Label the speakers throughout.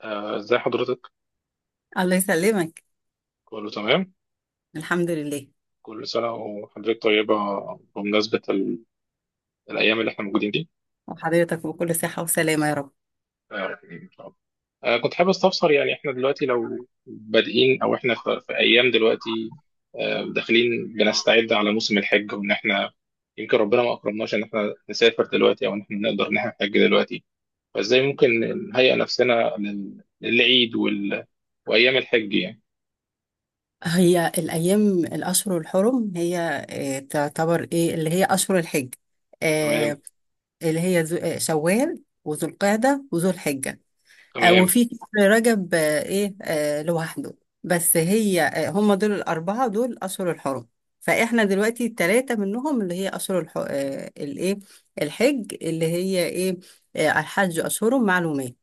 Speaker 1: ازي حضرتك؟
Speaker 2: الله يسلمك.
Speaker 1: كله تمام؟
Speaker 2: الحمد لله.
Speaker 1: كل سنة وحضرتك طيبة بمناسبة ال... الأيام اللي احنا موجودين دي.
Speaker 2: وحضرتك بكل صحة وسلامة يا رب.
Speaker 1: إن شاء الله. كنت حابب استفسر يعني احنا دلوقتي لو بادئين أو احنا في أيام دلوقتي. داخلين بنستعد على موسم الحج وإن احنا يمكن ربنا ما أكرمناش إن احنا نسافر دلوقتي أو إن احنا نقدر إن احنا نحج دلوقتي. فازاي ممكن نهيئ نفسنا لل... للعيد وال... وأيام الحج يعني؟
Speaker 2: هي الأيام الأشهر الحرم، هي تعتبر إيه اللي هي أشهر الحج.
Speaker 1: تمام.
Speaker 2: آه، اللي هي ذو- آه، شوال وذو القعدة وذو الحجة.
Speaker 1: تمام.
Speaker 2: وفي شهر رجب آه، إيه آه، لوحده. بس هي آه، هم دول الأربعة، دول أشهر الحرم. فإحنا دلوقتي التلاتة منهم اللي هي أشهر الحج، اللي هي إيه آه، الحج أشهر معلومات.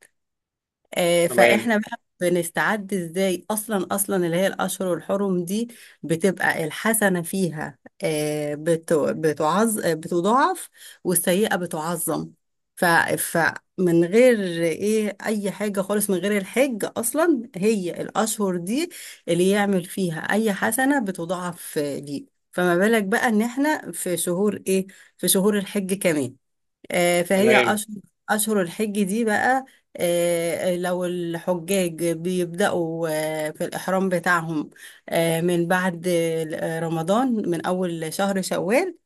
Speaker 1: تمام.
Speaker 2: فاحنا بقى بنستعد ازاي، اصلا اللي هي الاشهر الحرم دي بتبقى الحسنه فيها، آه، بت- بتعظ آه، بتضاعف، والسيئه بتعظم. ف فمن غير ايه اي حاجه خالص، من غير الحج اصلا، هي الاشهر دي اللي يعمل فيها اي حسنه بتضاعف، ليه؟ فما بالك بقى ان احنا في شهور ايه، في شهور الحج كمان. فهي
Speaker 1: تمام.
Speaker 2: أشهر، أشهر الحج دي بقى، لو الحجاج بيبدأوا في الإحرام بتاعهم من بعد رمضان، من أول شهر شوال.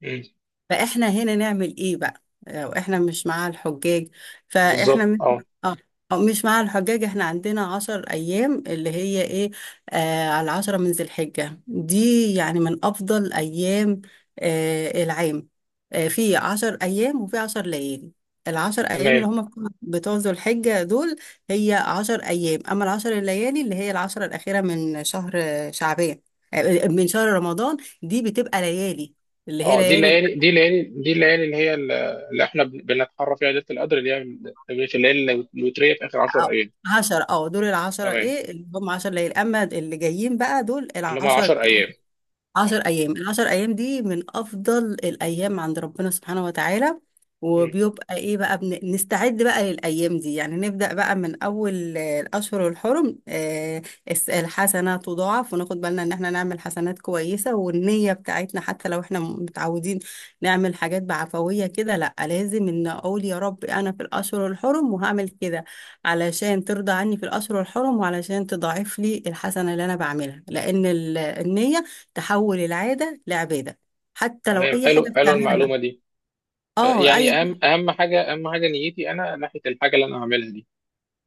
Speaker 1: مم.
Speaker 2: فاحنا هنا نعمل ايه بقى لو احنا مش مع الحجاج؟ فاحنا
Speaker 1: بالظبط،
Speaker 2: مش
Speaker 1: اه.
Speaker 2: اه أو مش مع الحجاج، احنا عندنا 10 ايام اللي هي ايه، على العشرة من ذي الحجة دي، يعني من افضل ايام العام، في عشر ايام وفي 10 ليالي. العشر ايام اللي
Speaker 1: تمام.
Speaker 2: هم بتوع ذو الحجة دول هي عشر ايام. اما العشر الليالي اللي هي العشرة الاخيرة من شهر شعبان آه، من شهر رمضان، دي بتبقى ليالي، اللي هي
Speaker 1: اه، دي
Speaker 2: ليالي،
Speaker 1: الليالي، دي الليالي، دي الليالي اللي هي اللي احنا بنتحرى فيها ليله القدر اللي هي تمريره الليالي الوتريه في اخر 10
Speaker 2: أو
Speaker 1: ايام.
Speaker 2: عشرة اه دول العشرة
Speaker 1: تمام،
Speaker 2: ايه اللي هم عشر ليالي. اما اللي جايين بقى دول
Speaker 1: اللي هم
Speaker 2: العشر،
Speaker 1: 10 ايام.
Speaker 2: عشر
Speaker 1: اه.
Speaker 2: أيام. العشر أيام دي من أفضل الأيام عند ربنا سبحانه وتعالى،
Speaker 1: أمم.
Speaker 2: وبيبقى إيه بقى، نستعد بقى للأيام دي. يعني نبدأ بقى من أول الأشهر الحرم. الحسنة تضاعف، وناخد بالنا إن إحنا نعمل حسنات كويسة، والنية بتاعتنا حتى لو إحنا متعودين نعمل حاجات بعفوية كده، لأ لازم إن أقول يا رب أنا في الأشهر الحرم وهعمل كده علشان ترضى عني في الأشهر الحرم وعلشان تضاعف لي الحسنة اللي أنا بعملها، لأن النية تحول العادة لعبادة، حتى لو
Speaker 1: تمام،
Speaker 2: أي
Speaker 1: حلو
Speaker 2: حاجة
Speaker 1: حلو
Speaker 2: بتعملها.
Speaker 1: المعلومه دي.
Speaker 2: اه، أي.
Speaker 1: يعني اهم حاجه، اهم حاجه نيتي انا ناحيه الحاجه اللي انا هعملها دي.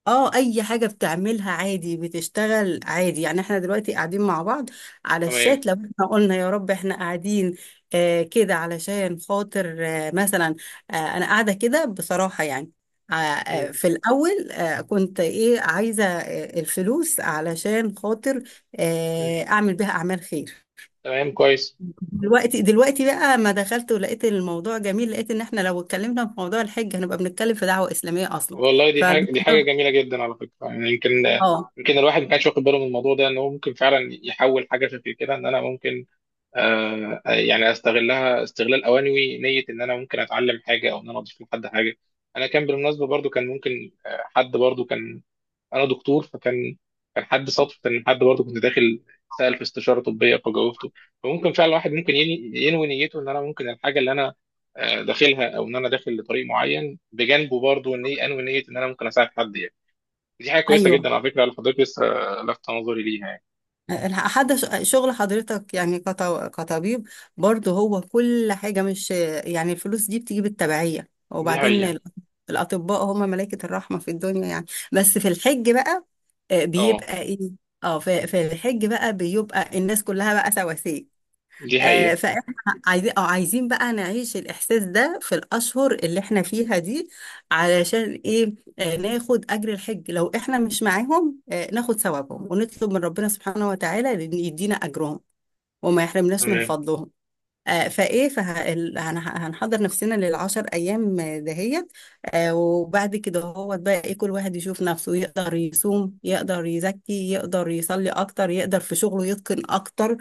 Speaker 2: اه أي حاجة بتعملها عادي، بتشتغل عادي، يعني احنا دلوقتي قاعدين مع بعض على
Speaker 1: تمام.
Speaker 2: الشات. لو احنا قلنا يا رب احنا قاعدين كده علشان خاطر مثلا، أنا قاعدة كده بصراحة يعني،
Speaker 1: أمم.
Speaker 2: في الأول كنت إيه عايزة الفلوس علشان خاطر
Speaker 1: أمم.
Speaker 2: أعمل بيها أعمال خير.
Speaker 1: تمام، كويس.
Speaker 2: دلوقتي بقى ما دخلت ولقيت الموضوع جميل، لقيت ان احنا لو اتكلمنا في موضوع الحج هنبقى بنتكلم في دعوة إسلامية اصلا.
Speaker 1: والله دي حاجه، دي حاجه
Speaker 2: فالموضوع
Speaker 1: جميله جدا على فكره. يعني يمكن،
Speaker 2: اه
Speaker 1: يمكن الواحد ما كانش واخد باله من الموضوع ده ان هو ممكن فعلا يحول حاجه شكل كده، ان انا ممكن، يعني استغلها استغلال اوانوي نيه ان انا ممكن اتعلم حاجه او ان انا اضيف لحد حاجه. انا كان بالمناسبه برضو كان ممكن حد برضو كان، انا دكتور فكان، كان حد صدفه ان حد برضو كنت داخل سال في استشاره طبيه فجاوبته. فممكن فعلا واحد ممكن ينوي نيته ان انا ممكن الحاجه اللي انا داخلها او ان انا داخل لطريق معين بجانبه برضو ان انوي نيه ان انا ممكن اساعد حد يعني. دي حاجه كويسه جدا
Speaker 2: ايوه.
Speaker 1: على فكره اللي حضرتك لسه لفت نظري ليها يعني.
Speaker 2: حتى شغل حضرتك يعني كطبيب برضه، هو كل حاجة مش يعني، الفلوس دي بتيجي بالتبعية.
Speaker 1: دي
Speaker 2: وبعدين
Speaker 1: حقيقه.
Speaker 2: الأطباء هم ملائكة الرحمة في الدنيا يعني. بس في الحج بقى
Speaker 1: اه
Speaker 2: بيبقى ايه. في الحج بقى بيبقى الناس كلها بقى سواسية.
Speaker 1: دي حقيقه.
Speaker 2: فاحنا عايزين بقى نعيش الاحساس ده في الاشهر اللي احنا فيها دي، علشان ايه، ناخد اجر الحج لو احنا مش معاهم، ناخد ثوابهم ونطلب من ربنا سبحانه وتعالى ان يدينا اجرهم وما يحرمناش من
Speaker 1: تمام.
Speaker 2: فضلهم. آه، فايه فه... ال- هن- هنحضر نفسنا للعشر ايام دهيت، وبعد كده هو بقى ايه، كل واحد يشوف نفسه يقدر يصوم، يقدر يزكي، يقدر يصلي اكتر، يقدر في شغله يتقن اكتر.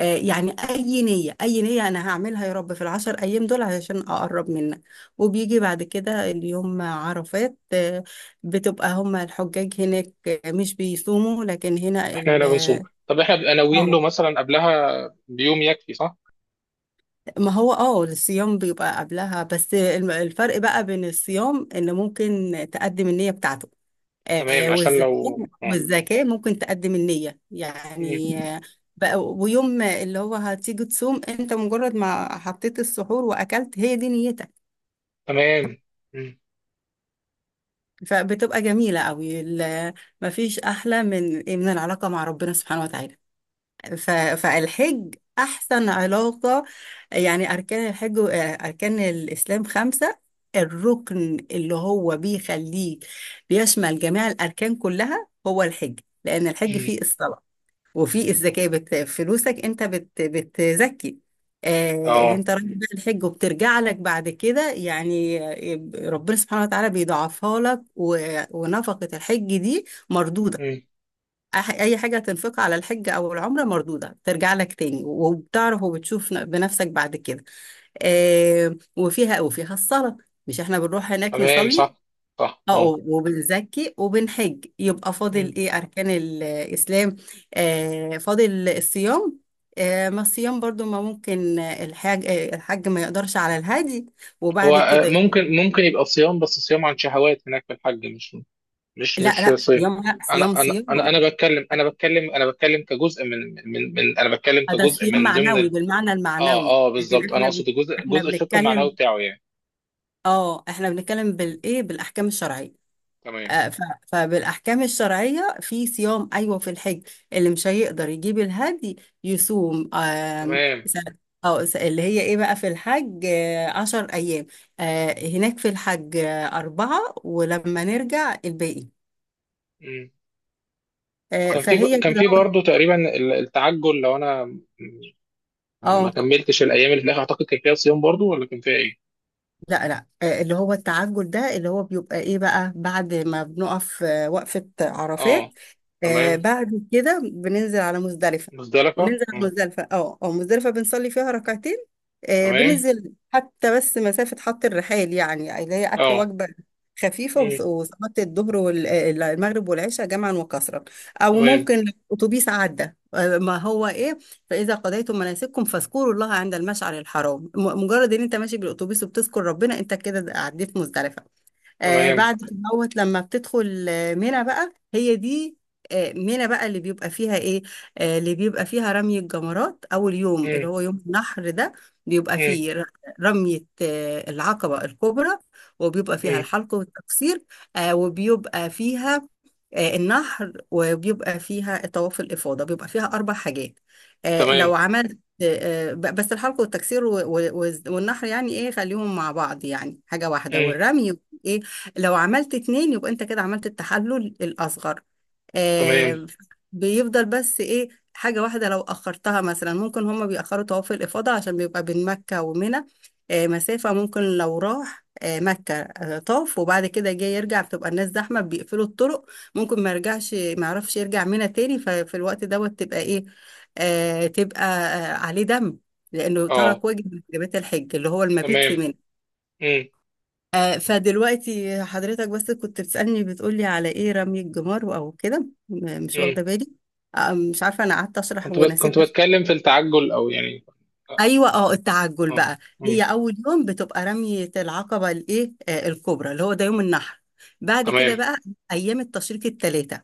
Speaker 2: يعني اي نيه، اي نيه انا هعملها يا رب في العشر ايام دول علشان اقرب منك. وبيجي بعد كده اليوم عرفات، بتبقى هما الحجاج هناك مش بيصوموا، لكن هنا
Speaker 1: احنا
Speaker 2: ال
Speaker 1: هنا بنصوم. طب احنا بنبقى ناويين
Speaker 2: اه
Speaker 1: له مثلا قبلها بيوم يكفي، صح؟
Speaker 2: ما هو الصيام بيبقى قبلها، بس الفرق بقى بين الصيام ان ممكن تقدم النية بتاعته. آه
Speaker 1: تمام، عشان
Speaker 2: والزكاة
Speaker 1: لو آه.
Speaker 2: والزكاة ممكن تقدم النية يعني
Speaker 1: مم.
Speaker 2: بقى، ويوم اللي هو هتيجي تصوم انت مجرد ما حطيت السحور واكلت، هي دي نيتك.
Speaker 1: تمام. مم.
Speaker 2: فبتبقى جميلة قوي مفيش احلى من العلاقة مع ربنا سبحانه وتعالى. فالحج أحسن علاقة. يعني أركان الإسلام خمسة، الركن اللي هو بيشمل جميع الأركان كلها هو الحج، لأن الحج
Speaker 1: مم.
Speaker 2: فيه الصلاة، وفيه الزكاة، فلوسك أنت بتزكي، اللي
Speaker 1: اه.
Speaker 2: أنت رايح بيه الحج، وبترجع لك بعد كده يعني، ربنا سبحانه وتعالى بيضاعفها لك. ونفقة الحج دي مردودة،
Speaker 1: مم.
Speaker 2: اي حاجه هتنفقها على الحج او العمره مردوده، ترجع لك تاني، وبتعرف وبتشوف بنفسك بعد كده. وفيها الصلاه، مش احنا بنروح هناك
Speaker 1: تمام،
Speaker 2: نصلي،
Speaker 1: صح. صح،
Speaker 2: اه
Speaker 1: اه.
Speaker 2: وبنزكي وبنحج، يبقى
Speaker 1: مم.
Speaker 2: فاضل ايه اركان الاسلام؟ فاضل الصيام. ما الصيام برضو ما ممكن آه، الحاج آه، الحج ما يقدرش على الهادي
Speaker 1: هو
Speaker 2: وبعد كده يصوم.
Speaker 1: ممكن، ممكن يبقى صيام، بس صيام عن شهوات هناك في الحج، مش مش
Speaker 2: لا،
Speaker 1: مش
Speaker 2: لا،
Speaker 1: صيام.
Speaker 2: صيام، لا، صيام،
Speaker 1: انا انا انا
Speaker 2: صيام.
Speaker 1: انا بتكلم، انا بتكلم، انا بتكلم كجزء من من انا بتكلم
Speaker 2: ده
Speaker 1: كجزء
Speaker 2: صيام
Speaker 1: من ضمن
Speaker 2: معنوي
Speaker 1: ال...
Speaker 2: بالمعنى
Speaker 1: اه
Speaker 2: المعنوي،
Speaker 1: اه
Speaker 2: لكن
Speaker 1: بالظبط، انا اقصد الجزء،
Speaker 2: احنا
Speaker 1: جزء الشق
Speaker 2: بنتكلم
Speaker 1: المعنوي بتاعه يعني.
Speaker 2: اه احنا بنتكلم
Speaker 1: مم.
Speaker 2: بالاحكام الشرعيه.
Speaker 1: تمام.
Speaker 2: آه، ف- فبالاحكام الشرعيه في صيام ايوه في الحج، اللي مش هيقدر يجيب الهدي يصوم. آم،
Speaker 1: تمام.
Speaker 2: س- اه س- اللي هي ايه بقى، في الحج عشر ايام، هناك في الحج اربعه، ولما نرجع الباقي.
Speaker 1: وكان في،
Speaker 2: فهي
Speaker 1: كان
Speaker 2: كده
Speaker 1: في
Speaker 2: اهو.
Speaker 1: برضه تقريبا ال- التعجل، لو انا ما
Speaker 2: آه.
Speaker 1: كملتش الايام اللي في الاخر اعتقد كان فيها صيام برضه ولا كان فيها ايه؟
Speaker 2: لا، لا، اللي هو التعجل ده اللي هو بيبقى ايه بقى بعد ما بنقف وقفة عرفات،
Speaker 1: اه. تمام.
Speaker 2: بعد كده بننزل على مزدلفة.
Speaker 1: مزدلفه.
Speaker 2: وننزل على
Speaker 1: مم.
Speaker 2: مزدلفة اه اه مزدلفة بنصلي فيها ركعتين،
Speaker 1: تمام.
Speaker 2: بننزل حتى بس مسافة حط الرحال، يعني اللي هي أكل
Speaker 1: اه.
Speaker 2: وجبة خفيفة
Speaker 1: مم.
Speaker 2: وصلاة الظهر والمغرب والعشاء جمعا وكسرا. أو
Speaker 1: تمام.
Speaker 2: ممكن أتوبيس عدى، آه، ما هو إيه فإذا قضيتم مناسككم فاذكروا الله عند المشعر الحرام، مجرد إن أنت ماشي بالأتوبيس وبتذكر ربنا، أنت كده عديت مزدلفة.
Speaker 1: تمام.
Speaker 2: بعد كدهوت لما بتدخل منى بقى هي دي. منى بقى اللي بيبقى فيها ايه، اللي بيبقى فيها رمي الجمرات. اول يوم اللي
Speaker 1: مم.
Speaker 2: هو يوم النحر ده بيبقى
Speaker 1: مم.
Speaker 2: فيه رمية العقبة الكبرى، وبيبقى فيها
Speaker 1: مم.
Speaker 2: الحلق والتقصير، وبيبقى فيها النحر، وبيبقى فيها طواف الإفاضة. بيبقى فيها أربع حاجات،
Speaker 1: تمام.
Speaker 2: لو عملت بس الحلق والتكسير والنحر، يعني إيه، خليهم مع بعض يعني حاجة واحدة،
Speaker 1: مم.
Speaker 2: والرمي إيه، لو عملت اتنين يبقى انت كده عملت التحلل الأصغر.
Speaker 1: تمام.
Speaker 2: آه بيفضل بس ايه، حاجة واحدة لو أخرتها مثلا، ممكن هما بيأخروا طواف الإفاضة عشان بيبقى بين مكة ومنى مسافة، ممكن لو راح مكة طاف وبعد كده جاي يرجع، بتبقى الناس زحمة بيقفلوا الطرق، ممكن ما يرجعش، ما يعرفش يرجع منى تاني، ففي الوقت دوت تبقى ايه، تبقى عليه دم، لأنه
Speaker 1: اه.
Speaker 2: ترك واجب من واجبات الحج اللي هو المبيت في
Speaker 1: تمام.
Speaker 2: منى.
Speaker 1: مم.
Speaker 2: فدلوقتي حضرتك بس كنت بتسألني بتقولي على ايه، رمي الجمار او كده، مش
Speaker 1: مم.
Speaker 2: واخده بالي، مش عارفه، انا قعدت اشرح
Speaker 1: كنت
Speaker 2: ونسيت.
Speaker 1: كنت بتكلم في التعجل او يعني اه.
Speaker 2: ايوه. اه التعجل
Speaker 1: آه.
Speaker 2: بقى،
Speaker 1: مم.
Speaker 2: هي اول يوم بتبقى رميه العقبه الايه آه، الكبرى، اللي هو ده يوم النحر. بعد كده
Speaker 1: تمام.
Speaker 2: بقى ايام التشريق الثلاثه،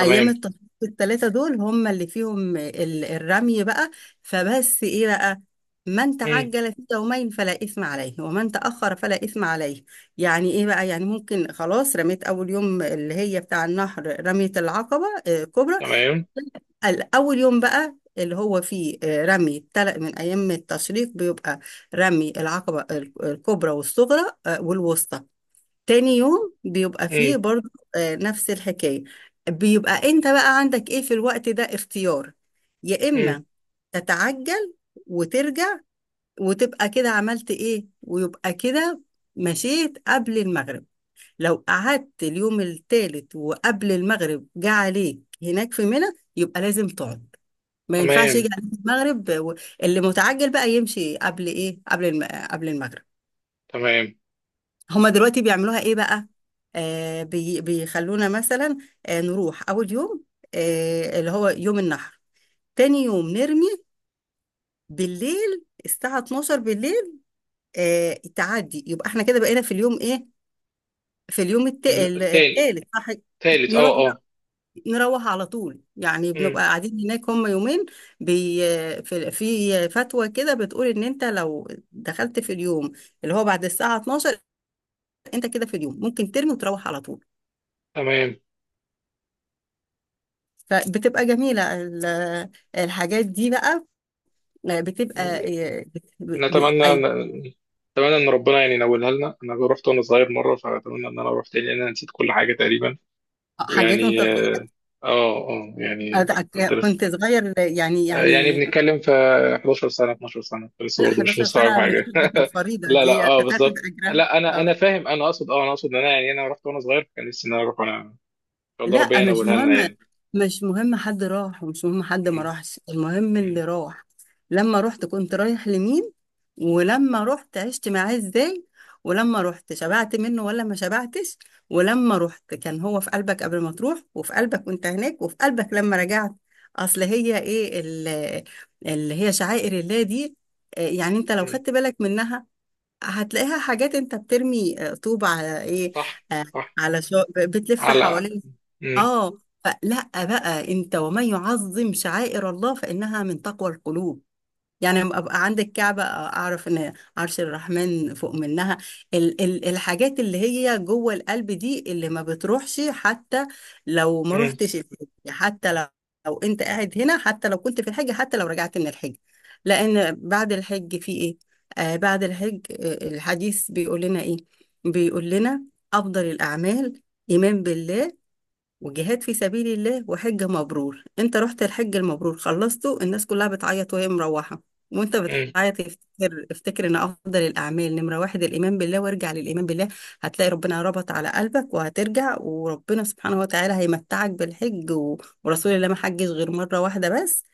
Speaker 2: ايام التفوق الثلاثه دول هم اللي فيهم الرمي بقى. فبس ايه بقى، من
Speaker 1: مم.
Speaker 2: تعجل في يومين فلا اثم عليه، ومن تاخر فلا اثم عليه. يعني ايه بقى، يعني ممكن خلاص رميت اول يوم اللي هي بتاع النهر، رميه العقبه كبرى.
Speaker 1: تمام.
Speaker 2: اول يوم بقى اللي هو فيه رمي تلق من ايام التشريق، بيبقى رمي العقبه الكبرى والصغرى والوسطى. تاني يوم بيبقى
Speaker 1: مم.
Speaker 2: فيه برضه نفس الحكاية، بيبقى انت بقى عندك ايه في الوقت ده اختيار، يا
Speaker 1: مم.
Speaker 2: اما تتعجل وترجع وتبقى كده عملت ايه، ويبقى كده مشيت قبل المغرب. لو قعدت اليوم التالت وقبل المغرب جه عليك هناك في منى، يبقى لازم تقعد، ما ينفعش يجي
Speaker 1: تمام.
Speaker 2: عليك المغرب اللي متعجل بقى يمشي قبل ايه، قبل قبل المغرب.
Speaker 1: تمام.
Speaker 2: هما دلوقتي بيعملوها ايه بقى، آه بي بيخلونا مثلا نروح اول يوم اللي هو يوم النحر، تاني يوم نرمي بالليل الساعة 12 بالليل، تعدي، يبقى احنا كده بقينا في اليوم ايه، في اليوم
Speaker 1: ال- التاني.
Speaker 2: التالت صح،
Speaker 1: تالت،
Speaker 2: نروح
Speaker 1: اه اه.
Speaker 2: نروح على طول، يعني
Speaker 1: مم.
Speaker 2: بنبقى قاعدين هناك هم يومين. بي في في فتوى كده بتقول ان انت لو دخلت في اليوم اللي هو بعد الساعة 12، انت كده في اليوم ممكن ترمي وتروح على طول.
Speaker 1: تمام.
Speaker 2: فبتبقى جميلة الحاجات دي بقى، بتبقى إيه،
Speaker 1: نتمنى،
Speaker 2: أي
Speaker 1: نتمنى ان ربنا يعني ينولها لنا. انا رحت وانا صغير مره، فاتمنى ان انا اروح تاني لان انا نسيت كل حاجه تقريبا.
Speaker 2: حاجات وانت
Speaker 1: ويعني
Speaker 2: صغير،
Speaker 1: اه اه يعني كنت لسه
Speaker 2: كنت صغير يعني
Speaker 1: يعني
Speaker 2: يعني
Speaker 1: بنتكلم في 11 سنه، 12 سنه، كنت لسه
Speaker 2: لا،
Speaker 1: برضه مش
Speaker 2: 11
Speaker 1: مستوعب
Speaker 2: سنة مش
Speaker 1: حاجه.
Speaker 2: حاجة، الفريضة
Speaker 1: لا لا
Speaker 2: دي
Speaker 1: اه
Speaker 2: تتاخد
Speaker 1: بالظبط.
Speaker 2: أجرها.
Speaker 1: لا انا،
Speaker 2: آه.
Speaker 1: انا فاهم. انا اقصد اه، انا اقصد ان انا يعني انا رحت وانا صغير، كان نفسي ان انا اروح وانا ان شاء الله ربنا
Speaker 2: لا مش
Speaker 1: ينولها لنا
Speaker 2: مهم،
Speaker 1: يعني.
Speaker 2: مش مهم حد راح ومش مهم حد ما
Speaker 1: مم.
Speaker 2: راحش، المهم اللي
Speaker 1: مم.
Speaker 2: راح. لما رحت كنت رايح لمين، ولما رحت عشت معاه ازاي، ولما رحت شبعت منه ولا ما شبعتش، ولما رحت كان هو في قلبك قبل ما تروح، وفي قلبك وانت هناك، وفي قلبك لما رجعت. اصل هي ايه اللي هي شعائر الله دي، يعني انت لو
Speaker 1: مم.
Speaker 2: خدت بالك منها هتلاقيها. حاجات انت بترمي طوب على ايه،
Speaker 1: صح.
Speaker 2: آه،
Speaker 1: صح.
Speaker 2: على شو بتلف
Speaker 1: على.
Speaker 2: حوالين،
Speaker 1: مم.
Speaker 2: اه فلا بقى انت، ومن يعظم شعائر الله فإنها من تقوى القلوب. يعني لما ابقى عند الكعبة اعرف ان عرش الرحمن فوق منها. ال ال الحاجات اللي هي جوه القلب دي اللي ما بتروحش، حتى لو ما
Speaker 1: مم.
Speaker 2: روحتش الحج، حتى لو انت قاعد هنا، حتى لو كنت في الحج، حتى لو رجعت من الحج. لأن بعد الحج في ايه، بعد الحج الحديث بيقول لنا ايه، بيقول لنا أفضل الأعمال إيمان بالله، وجهاد في سبيل الله، وحج مبرور. انت رحت الحج المبرور خلصته، الناس كلها بتعيط وهي مروحة وانت
Speaker 1: مم.
Speaker 2: بتعيط، افتكر، افتكر ان افضل الاعمال نمرة واحد الايمان بالله، وارجع للايمان بالله، هتلاقي ربنا ربط على قلبك وهترجع، وربنا سبحانه وتعالى هيمتعك بالحج. ورسول الله ما حجش غير مرة واحدة بس،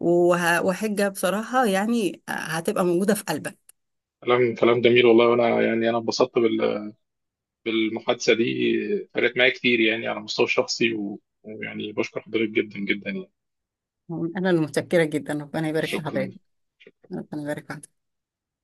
Speaker 2: وحجة بصراحة يعني هتبقى موجودة في قلبك.
Speaker 1: كلام، كلام جميل والله. وانا يعني انا انبسطت بالمحادثه دي. فرقت معايا كتير يعني على المستوى الشخصي، و- ويعني بشكر حضرتك جدا جدا يعني.
Speaker 2: انا المتشكرة جدا، ربنا يبارك في حضرتك.
Speaker 1: شكرا
Speaker 2: ربنا يبارك في حضرتك.